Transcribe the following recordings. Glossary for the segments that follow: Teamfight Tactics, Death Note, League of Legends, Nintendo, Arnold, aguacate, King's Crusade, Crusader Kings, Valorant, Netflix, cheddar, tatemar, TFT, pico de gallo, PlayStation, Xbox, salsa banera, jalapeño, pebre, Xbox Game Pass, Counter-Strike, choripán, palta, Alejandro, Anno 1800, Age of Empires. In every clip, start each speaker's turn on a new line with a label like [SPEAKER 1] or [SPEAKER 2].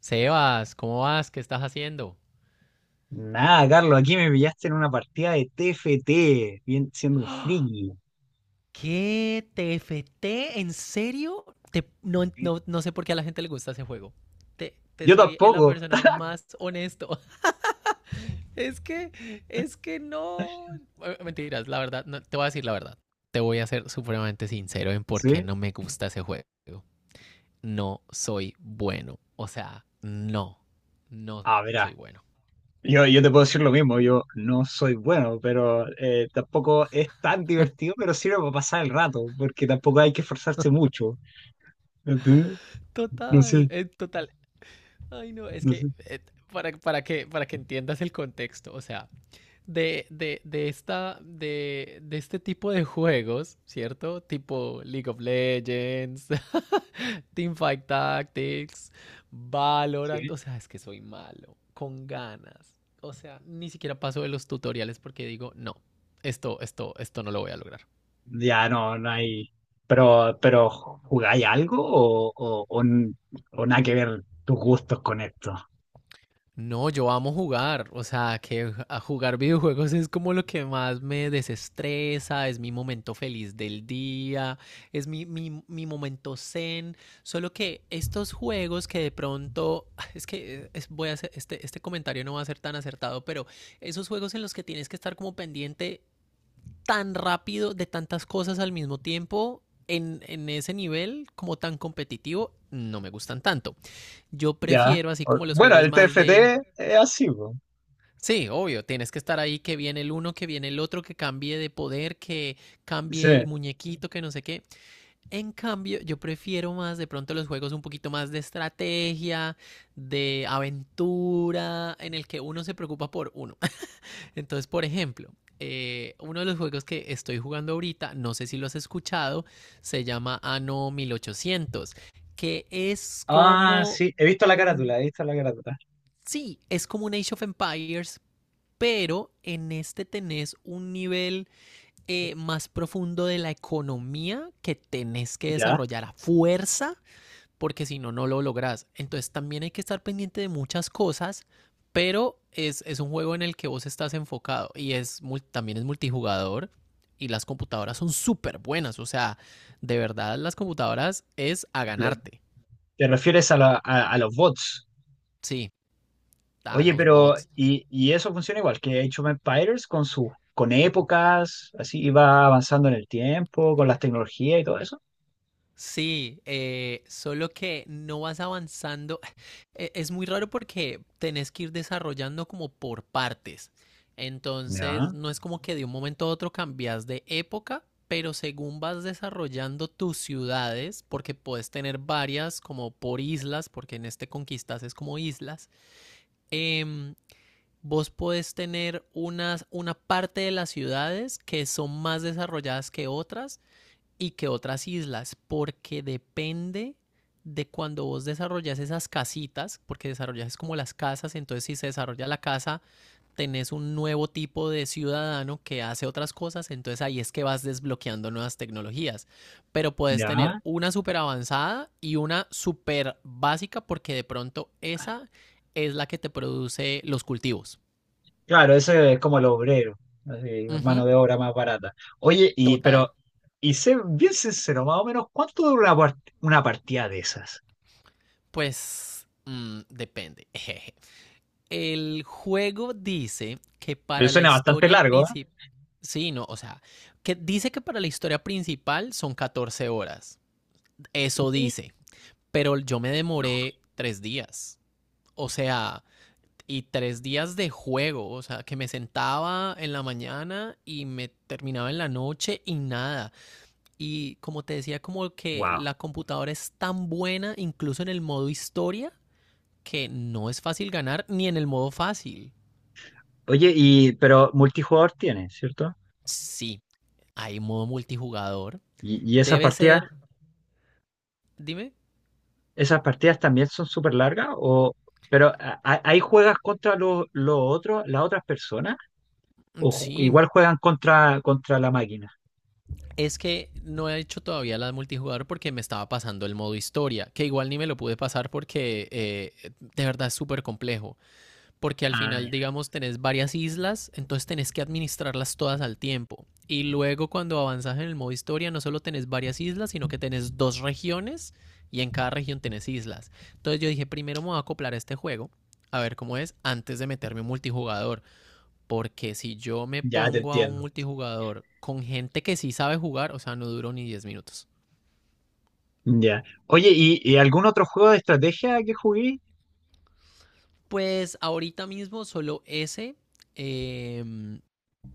[SPEAKER 1] Sebas, ¿cómo vas? ¿Qué estás haciendo?
[SPEAKER 2] Nada, Carlos, aquí me pillaste en una partida de TFT, siendo un friki.
[SPEAKER 1] ¿Qué? ¿TFT? ¿En serio? No, no sé por qué a la gente le gusta ese juego. Te
[SPEAKER 2] Yo
[SPEAKER 1] soy la
[SPEAKER 2] tampoco.
[SPEAKER 1] persona más honesto. Es que, es que no. Mentiras, la verdad, no, te voy a decir la verdad. Te voy a ser supremamente sincero en por qué
[SPEAKER 2] ¿Sí?
[SPEAKER 1] no me gusta ese juego. No soy bueno. O sea, no, no
[SPEAKER 2] Ah,
[SPEAKER 1] soy
[SPEAKER 2] verá,
[SPEAKER 1] bueno.
[SPEAKER 2] yo te puedo decir lo mismo, yo no soy bueno, pero tampoco es tan divertido, pero sirve para pasar el rato, porque tampoco hay que esforzarse mucho, ¿entiendes? No
[SPEAKER 1] Total,
[SPEAKER 2] sé,
[SPEAKER 1] total. Ay, no, es
[SPEAKER 2] no
[SPEAKER 1] que
[SPEAKER 2] sé.
[SPEAKER 1] para que entiendas el contexto, o sea, de este tipo de juegos, ¿cierto? Tipo League of Legends, Teamfight Tactics, Valorant,
[SPEAKER 2] Sí.
[SPEAKER 1] o sea, es que soy malo, con ganas. O sea, ni siquiera paso de los tutoriales porque digo, no, esto no lo voy a lograr.
[SPEAKER 2] Ya, no, no hay... Pero ¿jugáis algo o o nada que ver tus gustos con esto?
[SPEAKER 1] No, yo amo jugar, o sea, que a jugar videojuegos es como lo que más me desestresa, es mi momento feliz del día, es mi momento zen, solo que estos juegos que de pronto, es que voy a hacer, este comentario no va a ser tan acertado, pero esos juegos en los que tienes que estar como pendiente tan rápido de tantas cosas al mismo tiempo, en ese nivel como tan competitivo, no me gustan tanto. Yo
[SPEAKER 2] Ya.
[SPEAKER 1] prefiero así
[SPEAKER 2] O-
[SPEAKER 1] como los
[SPEAKER 2] Bueno,
[SPEAKER 1] juegos
[SPEAKER 2] el
[SPEAKER 1] más.
[SPEAKER 2] TFT es así, po.
[SPEAKER 1] Sí, obvio, tienes que estar ahí, que viene el uno, que viene el otro, que cambie de poder, que
[SPEAKER 2] Sí.
[SPEAKER 1] cambie el muñequito, que no sé qué. En cambio, yo prefiero más de pronto los juegos un poquito más de estrategia, de aventura, en el que uno se preocupa por uno. Entonces, por ejemplo, uno de los juegos que estoy jugando ahorita, no sé si lo has escuchado, se llama Anno 1800, que es
[SPEAKER 2] Ah,
[SPEAKER 1] como
[SPEAKER 2] sí. He visto la
[SPEAKER 1] un.
[SPEAKER 2] carátula, he visto la carátula.
[SPEAKER 1] Sí, es como un Age of Empires, pero en este tenés un nivel más profundo de la economía que tenés que
[SPEAKER 2] Ya.
[SPEAKER 1] desarrollar a fuerza, porque si no, no lo lográs. Entonces también hay que estar pendiente de muchas cosas, pero es un juego en el que vos estás enfocado y es también es multijugador y las computadoras son súper buenas, o sea, de verdad las computadoras es a
[SPEAKER 2] Lo-
[SPEAKER 1] ganarte,
[SPEAKER 2] Te refieres a, a los bots.
[SPEAKER 1] sí, a
[SPEAKER 2] Oye,
[SPEAKER 1] los
[SPEAKER 2] pero
[SPEAKER 1] bots.
[SPEAKER 2] y eso funciona igual que Age of Empires con sus con épocas, así iba avanzando en el tiempo, con las tecnologías y todo eso.
[SPEAKER 1] Sí, solo que no vas avanzando. Es muy raro porque tenés que ir desarrollando como por partes.
[SPEAKER 2] Ya,
[SPEAKER 1] Entonces, no es como que de un momento a otro cambias de época, pero según vas desarrollando tus ciudades, porque puedes tener varias como por islas, porque en este conquistas es como islas, em, vos podés tener unas, una parte de las ciudades que son más desarrolladas que otras y que otras islas, porque depende de cuando vos desarrollas esas casitas, porque desarrollas es como las casas, entonces si se desarrolla la casa, tenés un nuevo tipo de ciudadano que hace otras cosas, entonces ahí es que vas desbloqueando nuevas tecnologías. Pero puedes tener
[SPEAKER 2] ya.
[SPEAKER 1] una súper avanzada y una súper básica, porque de pronto esa es la que te produce los cultivos.
[SPEAKER 2] Claro, ese es como el obrero, así,
[SPEAKER 1] Uh
[SPEAKER 2] mano
[SPEAKER 1] -huh,
[SPEAKER 2] de obra más barata. Oye, y pero
[SPEAKER 1] total.
[SPEAKER 2] y sé bien sincero, más o menos, ¿cuánto dura una, una partida de esas?
[SPEAKER 1] Pues depende. Jeje. El juego dice que
[SPEAKER 2] Pero
[SPEAKER 1] para la
[SPEAKER 2] suena bastante
[SPEAKER 1] historia
[SPEAKER 2] largo,
[SPEAKER 1] principal, sí, no, o sea, que dice que para la historia principal son 14 horas. Eso
[SPEAKER 2] ¿eh?
[SPEAKER 1] dice, pero yo me
[SPEAKER 2] No.
[SPEAKER 1] demoré 3 días. O sea, y 3 días de juego, o sea, que me sentaba en la mañana y me terminaba en la noche y nada. Y como te decía, como que
[SPEAKER 2] Wow.
[SPEAKER 1] la computadora es tan buena, incluso en el modo historia, que no es fácil ganar ni en el modo fácil.
[SPEAKER 2] Oye, y pero multijugador tiene, ¿cierto?
[SPEAKER 1] Sí, hay modo multijugador.
[SPEAKER 2] Y esas
[SPEAKER 1] Debe
[SPEAKER 2] partidas,
[SPEAKER 1] ser, dime.
[SPEAKER 2] también son súper largas, o pero ahí juegas contra los otros, las otras personas, o
[SPEAKER 1] Sí,
[SPEAKER 2] igual juegan contra la máquina.
[SPEAKER 1] es que no he hecho todavía la de multijugador porque me estaba pasando el modo historia, que igual ni me lo pude pasar porque de verdad es súper complejo. Porque al final,
[SPEAKER 2] Ah,
[SPEAKER 1] digamos, tenés varias islas, entonces tenés que administrarlas todas al tiempo. Y luego cuando avanzas en el modo historia, no solo tenés varias islas, sino que tenés dos regiones y en cada región tenés islas. Entonces yo dije, primero me voy a acoplar a este juego, a ver cómo es, antes de meterme un multijugador. Porque si yo me
[SPEAKER 2] ya, ya te
[SPEAKER 1] pongo a
[SPEAKER 2] entiendo.
[SPEAKER 1] un multijugador con gente que sí sabe jugar, o sea, no duró ni 10 minutos.
[SPEAKER 2] Ya. Oye, ¿y algún otro juego de estrategia que jugué?
[SPEAKER 1] Pues ahorita mismo solo ese, eh,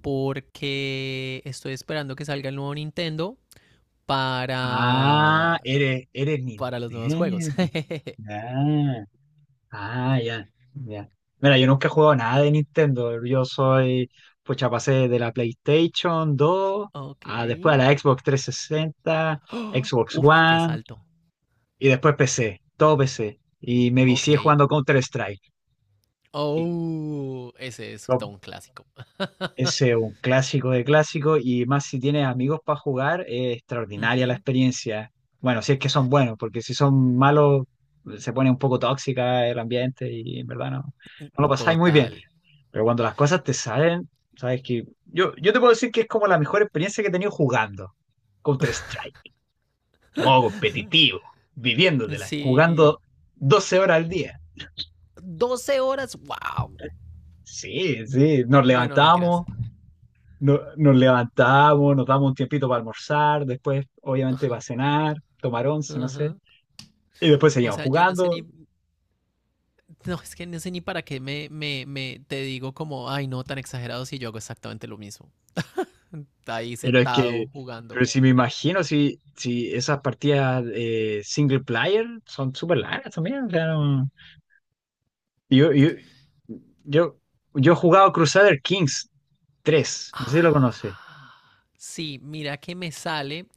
[SPEAKER 1] porque estoy esperando que salga el nuevo Nintendo
[SPEAKER 2] Ah,
[SPEAKER 1] para,
[SPEAKER 2] eres
[SPEAKER 1] para los nuevos juegos.
[SPEAKER 2] Nintendo. Ah. Ah, ya, ya. Mira, yo nunca he jugado nada de Nintendo. Yo soy, pucha, pasé de la PlayStation 2,
[SPEAKER 1] Ok.
[SPEAKER 2] a después a la Xbox 360,
[SPEAKER 1] ¡Oh!
[SPEAKER 2] Xbox
[SPEAKER 1] Uf, qué
[SPEAKER 2] One
[SPEAKER 1] salto.
[SPEAKER 2] y después PC, todo PC. Y me
[SPEAKER 1] Ok.
[SPEAKER 2] vicié jugando Counter-Strike. Y
[SPEAKER 1] Oh, ese es
[SPEAKER 2] lo-
[SPEAKER 1] todo un clásico.
[SPEAKER 2] Ese es un clásico de clásico y más si tienes amigos para jugar, es extraordinaria la
[SPEAKER 1] Ujú,
[SPEAKER 2] experiencia. Bueno, si es que son buenos, porque si son malos, se pone un poco tóxica el ambiente y en verdad no, no lo pasáis muy bien.
[SPEAKER 1] total.
[SPEAKER 2] Pero cuando las cosas te salen, sabes que yo te puedo decir que es como la mejor experiencia que he tenido jugando Counter-Strike, modo competitivo, viviéndotela, jugando
[SPEAKER 1] Sí.
[SPEAKER 2] 12 horas al día.
[SPEAKER 1] 12 horas. Wow.
[SPEAKER 2] Sí, sí, nos
[SPEAKER 1] Bueno, no, mentiras.
[SPEAKER 2] levantamos, nos levantamos, nos damos un tiempito para almorzar, después obviamente para
[SPEAKER 1] Ajá,
[SPEAKER 2] cenar, tomar once, no
[SPEAKER 1] ajá.
[SPEAKER 2] sé, y después
[SPEAKER 1] O
[SPEAKER 2] seguimos
[SPEAKER 1] sea, yo no sé
[SPEAKER 2] jugando.
[SPEAKER 1] ni, no, es que no sé ni para qué me, te digo como, ay, no, tan exagerado si yo hago exactamente lo mismo. Ahí
[SPEAKER 2] Pero es que,
[SPEAKER 1] sentado jugando.
[SPEAKER 2] pero si me imagino, si esas partidas single player son súper largas también, claro. Yo, yo, yo, yo he jugado Crusader Kings 3, no sé si lo conoces.
[SPEAKER 1] Ah, sí, mira que me sale,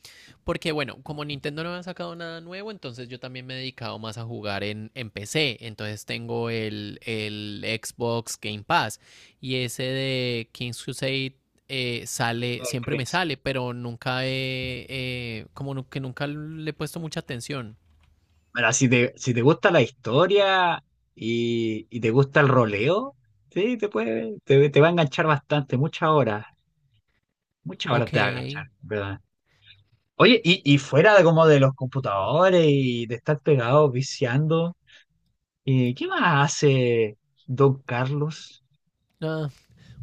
[SPEAKER 1] porque bueno, como Nintendo no ha sacado nada nuevo, entonces yo también me he dedicado más a jugar en PC, entonces tengo el Xbox Game Pass y ese de King's Crusade sale,
[SPEAKER 2] Crusader
[SPEAKER 1] siempre me
[SPEAKER 2] Kings.
[SPEAKER 1] sale, pero nunca he, como que nunca le he puesto mucha atención.
[SPEAKER 2] Mira, si te gusta la historia y te gusta el roleo, sí, te va a enganchar bastante, muchas horas
[SPEAKER 1] Ok.
[SPEAKER 2] te va a enganchar, ¿verdad? Oye, y fuera de como de los computadores y de estar pegado, viciando, ¿qué más hace Don Carlos?
[SPEAKER 1] Ah,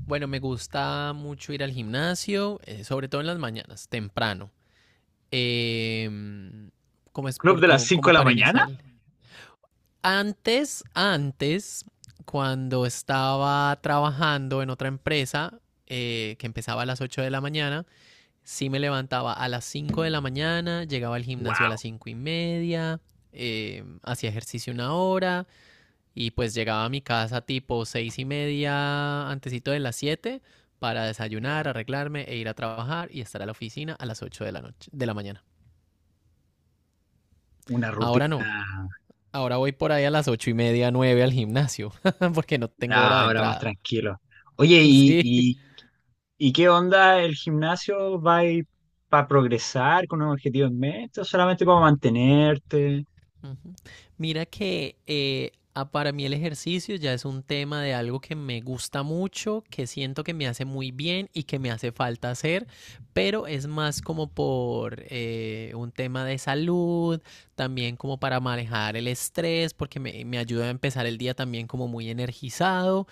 [SPEAKER 1] bueno, me gusta mucho ir al gimnasio, sobre todo en las mañanas, temprano. eh, ¿Cómo es
[SPEAKER 2] ¿Club
[SPEAKER 1] por,
[SPEAKER 2] de las
[SPEAKER 1] como,
[SPEAKER 2] 5
[SPEAKER 1] como
[SPEAKER 2] de la
[SPEAKER 1] para
[SPEAKER 2] mañana?
[SPEAKER 1] iniciar? Antes, antes, cuando estaba trabajando en otra empresa, que empezaba a las 8 de la mañana, sí me levantaba a las 5 de la mañana, llegaba al gimnasio a las
[SPEAKER 2] ¡Wow!
[SPEAKER 1] 5:30, hacía ejercicio una hora y pues llegaba a mi casa tipo 6:30, antesito de las 7 para desayunar,
[SPEAKER 2] ¿Ya?
[SPEAKER 1] arreglarme e ir a trabajar y estar a la oficina a las 8 de la noche, de la mañana.
[SPEAKER 2] Una
[SPEAKER 1] Ahora
[SPEAKER 2] rutina.
[SPEAKER 1] no, ahora voy por ahí a las 8:30, 9 al gimnasio, porque no tengo
[SPEAKER 2] Ya,
[SPEAKER 1] hora de
[SPEAKER 2] ahora más
[SPEAKER 1] entrada.
[SPEAKER 2] tranquilo. Oye, ¿y,
[SPEAKER 1] Sí.
[SPEAKER 2] y, y qué onda el gimnasio? ¿Va para progresar con un objetivo en mente o solamente para mantenerte?
[SPEAKER 1] Ujú. Mira que para mí el ejercicio ya es un tema de algo que me gusta mucho, que siento que me hace muy bien y que me hace falta hacer, pero es más como por un tema de salud, también como para manejar el estrés, porque me ayuda a empezar el día también como muy energizado,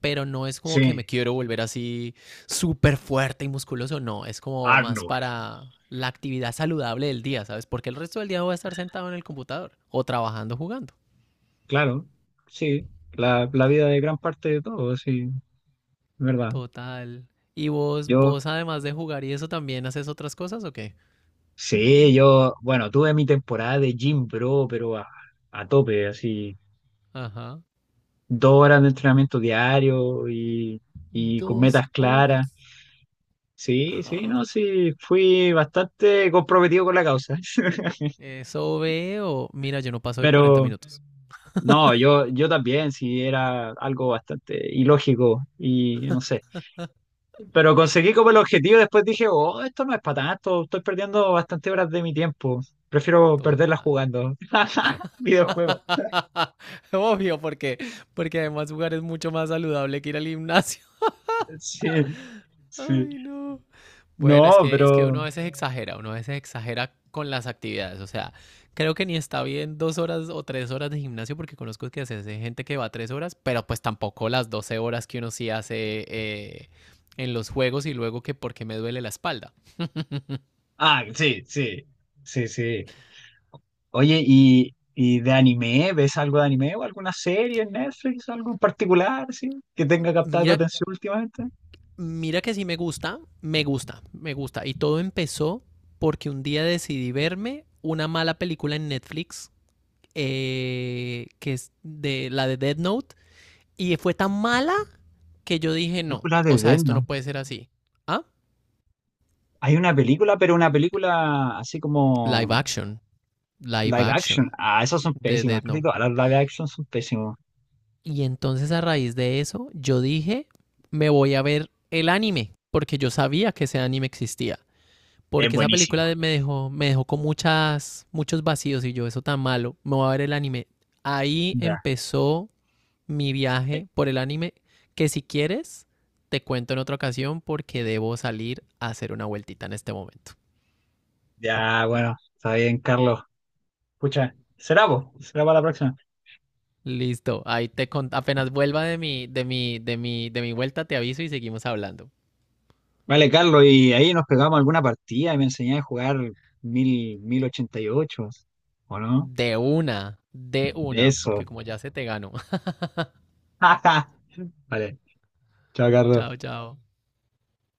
[SPEAKER 1] pero no es como que me
[SPEAKER 2] Sí,
[SPEAKER 1] quiero volver así súper fuerte y musculoso, no, es como más
[SPEAKER 2] Arnold.
[SPEAKER 1] para la actividad saludable del día, ¿sabes? Porque el resto del día voy a estar sentado en el computador o trabajando, jugando.
[SPEAKER 2] Claro, sí, la vida de gran parte de todo, sí, es verdad.
[SPEAKER 1] Total. ¿Y vos,
[SPEAKER 2] Yo,
[SPEAKER 1] vos además de jugar y eso también haces otras cosas o qué?
[SPEAKER 2] sí, yo, bueno, tuve mi temporada de gym bro, pero a tope, así,
[SPEAKER 1] Ajá.
[SPEAKER 2] 2 horas de entrenamiento diario y con
[SPEAKER 1] Dos
[SPEAKER 2] metas claras.
[SPEAKER 1] horas.
[SPEAKER 2] Sí, sí, no, sí, fui bastante comprometido con la causa.
[SPEAKER 1] Eso veo. Mira, yo no paso de 40
[SPEAKER 2] Pero
[SPEAKER 1] minutos.
[SPEAKER 2] no, yo también, sí, era algo bastante ilógico y no sé. Pero conseguí como el objetivo, después dije, oh, esto no es para tanto, estoy perdiendo bastante horas de mi tiempo. Prefiero perderlas
[SPEAKER 1] Total.
[SPEAKER 2] jugando. Videojuegos.
[SPEAKER 1] Obvio, porque, porque además jugar es mucho más saludable que ir al gimnasio.
[SPEAKER 2] Sí, sí.
[SPEAKER 1] Ay, no. Bueno,
[SPEAKER 2] No,
[SPEAKER 1] es que uno
[SPEAKER 2] pero...
[SPEAKER 1] a veces exagera, uno a veces exagera con las actividades. O sea, creo que ni está bien 2 horas o 3 horas de gimnasio porque conozco que hace gente que va 3 horas, pero pues tampoco las 12 horas que uno sí hace en los juegos y luego que porque me duele la espalda.
[SPEAKER 2] Ah, sí, sí. Sí, sí. Oye, ¿y de anime? ¿Ves algo de anime o alguna serie en Netflix, algo en particular, sí, que tenga captado tu
[SPEAKER 1] Mira,
[SPEAKER 2] atención últimamente?
[SPEAKER 1] mira que sí me gusta, me gusta, me gusta. Y todo empezó porque un día decidí verme una mala película en Netflix, que es de la de Death Note. Y fue tan mala que yo dije, no,
[SPEAKER 2] Película de
[SPEAKER 1] o sea,
[SPEAKER 2] Death
[SPEAKER 1] esto
[SPEAKER 2] Note.
[SPEAKER 1] no puede ser así. Ah,
[SPEAKER 2] Hay una película, pero una película así
[SPEAKER 1] live
[SPEAKER 2] como
[SPEAKER 1] action, live
[SPEAKER 2] live action.
[SPEAKER 1] action
[SPEAKER 2] Ah, esas son
[SPEAKER 1] de
[SPEAKER 2] pésimas,
[SPEAKER 1] Dead
[SPEAKER 2] casi
[SPEAKER 1] Note.
[SPEAKER 2] todas las live action son pésimas.
[SPEAKER 1] Y entonces a raíz de eso, yo dije, me voy a ver el anime, porque yo sabía que ese anime existía.
[SPEAKER 2] Es
[SPEAKER 1] Porque esa
[SPEAKER 2] buenísimo.
[SPEAKER 1] película me dejó con muchas, muchos vacíos y yo, eso tan malo, me voy a ver el anime. Ahí
[SPEAKER 2] Ya,
[SPEAKER 1] empezó mi
[SPEAKER 2] eh,
[SPEAKER 1] viaje por el anime, que si quieres, te cuento en otra ocasión porque debo salir a hacer una vueltita en este momento.
[SPEAKER 2] ya, bueno, está bien, Carlos. Escucha, será vos, será para la próxima.
[SPEAKER 1] Listo, ahí apenas vuelva de mi vuelta, te aviso y seguimos hablando.
[SPEAKER 2] Vale, Carlos, y ahí nos pegamos alguna partida y me enseñás a jugar 1088, ¿o no?
[SPEAKER 1] De una, porque
[SPEAKER 2] Eso.
[SPEAKER 1] como ya se te ganó.
[SPEAKER 2] Vale, chao Carlos.
[SPEAKER 1] Chao, chao.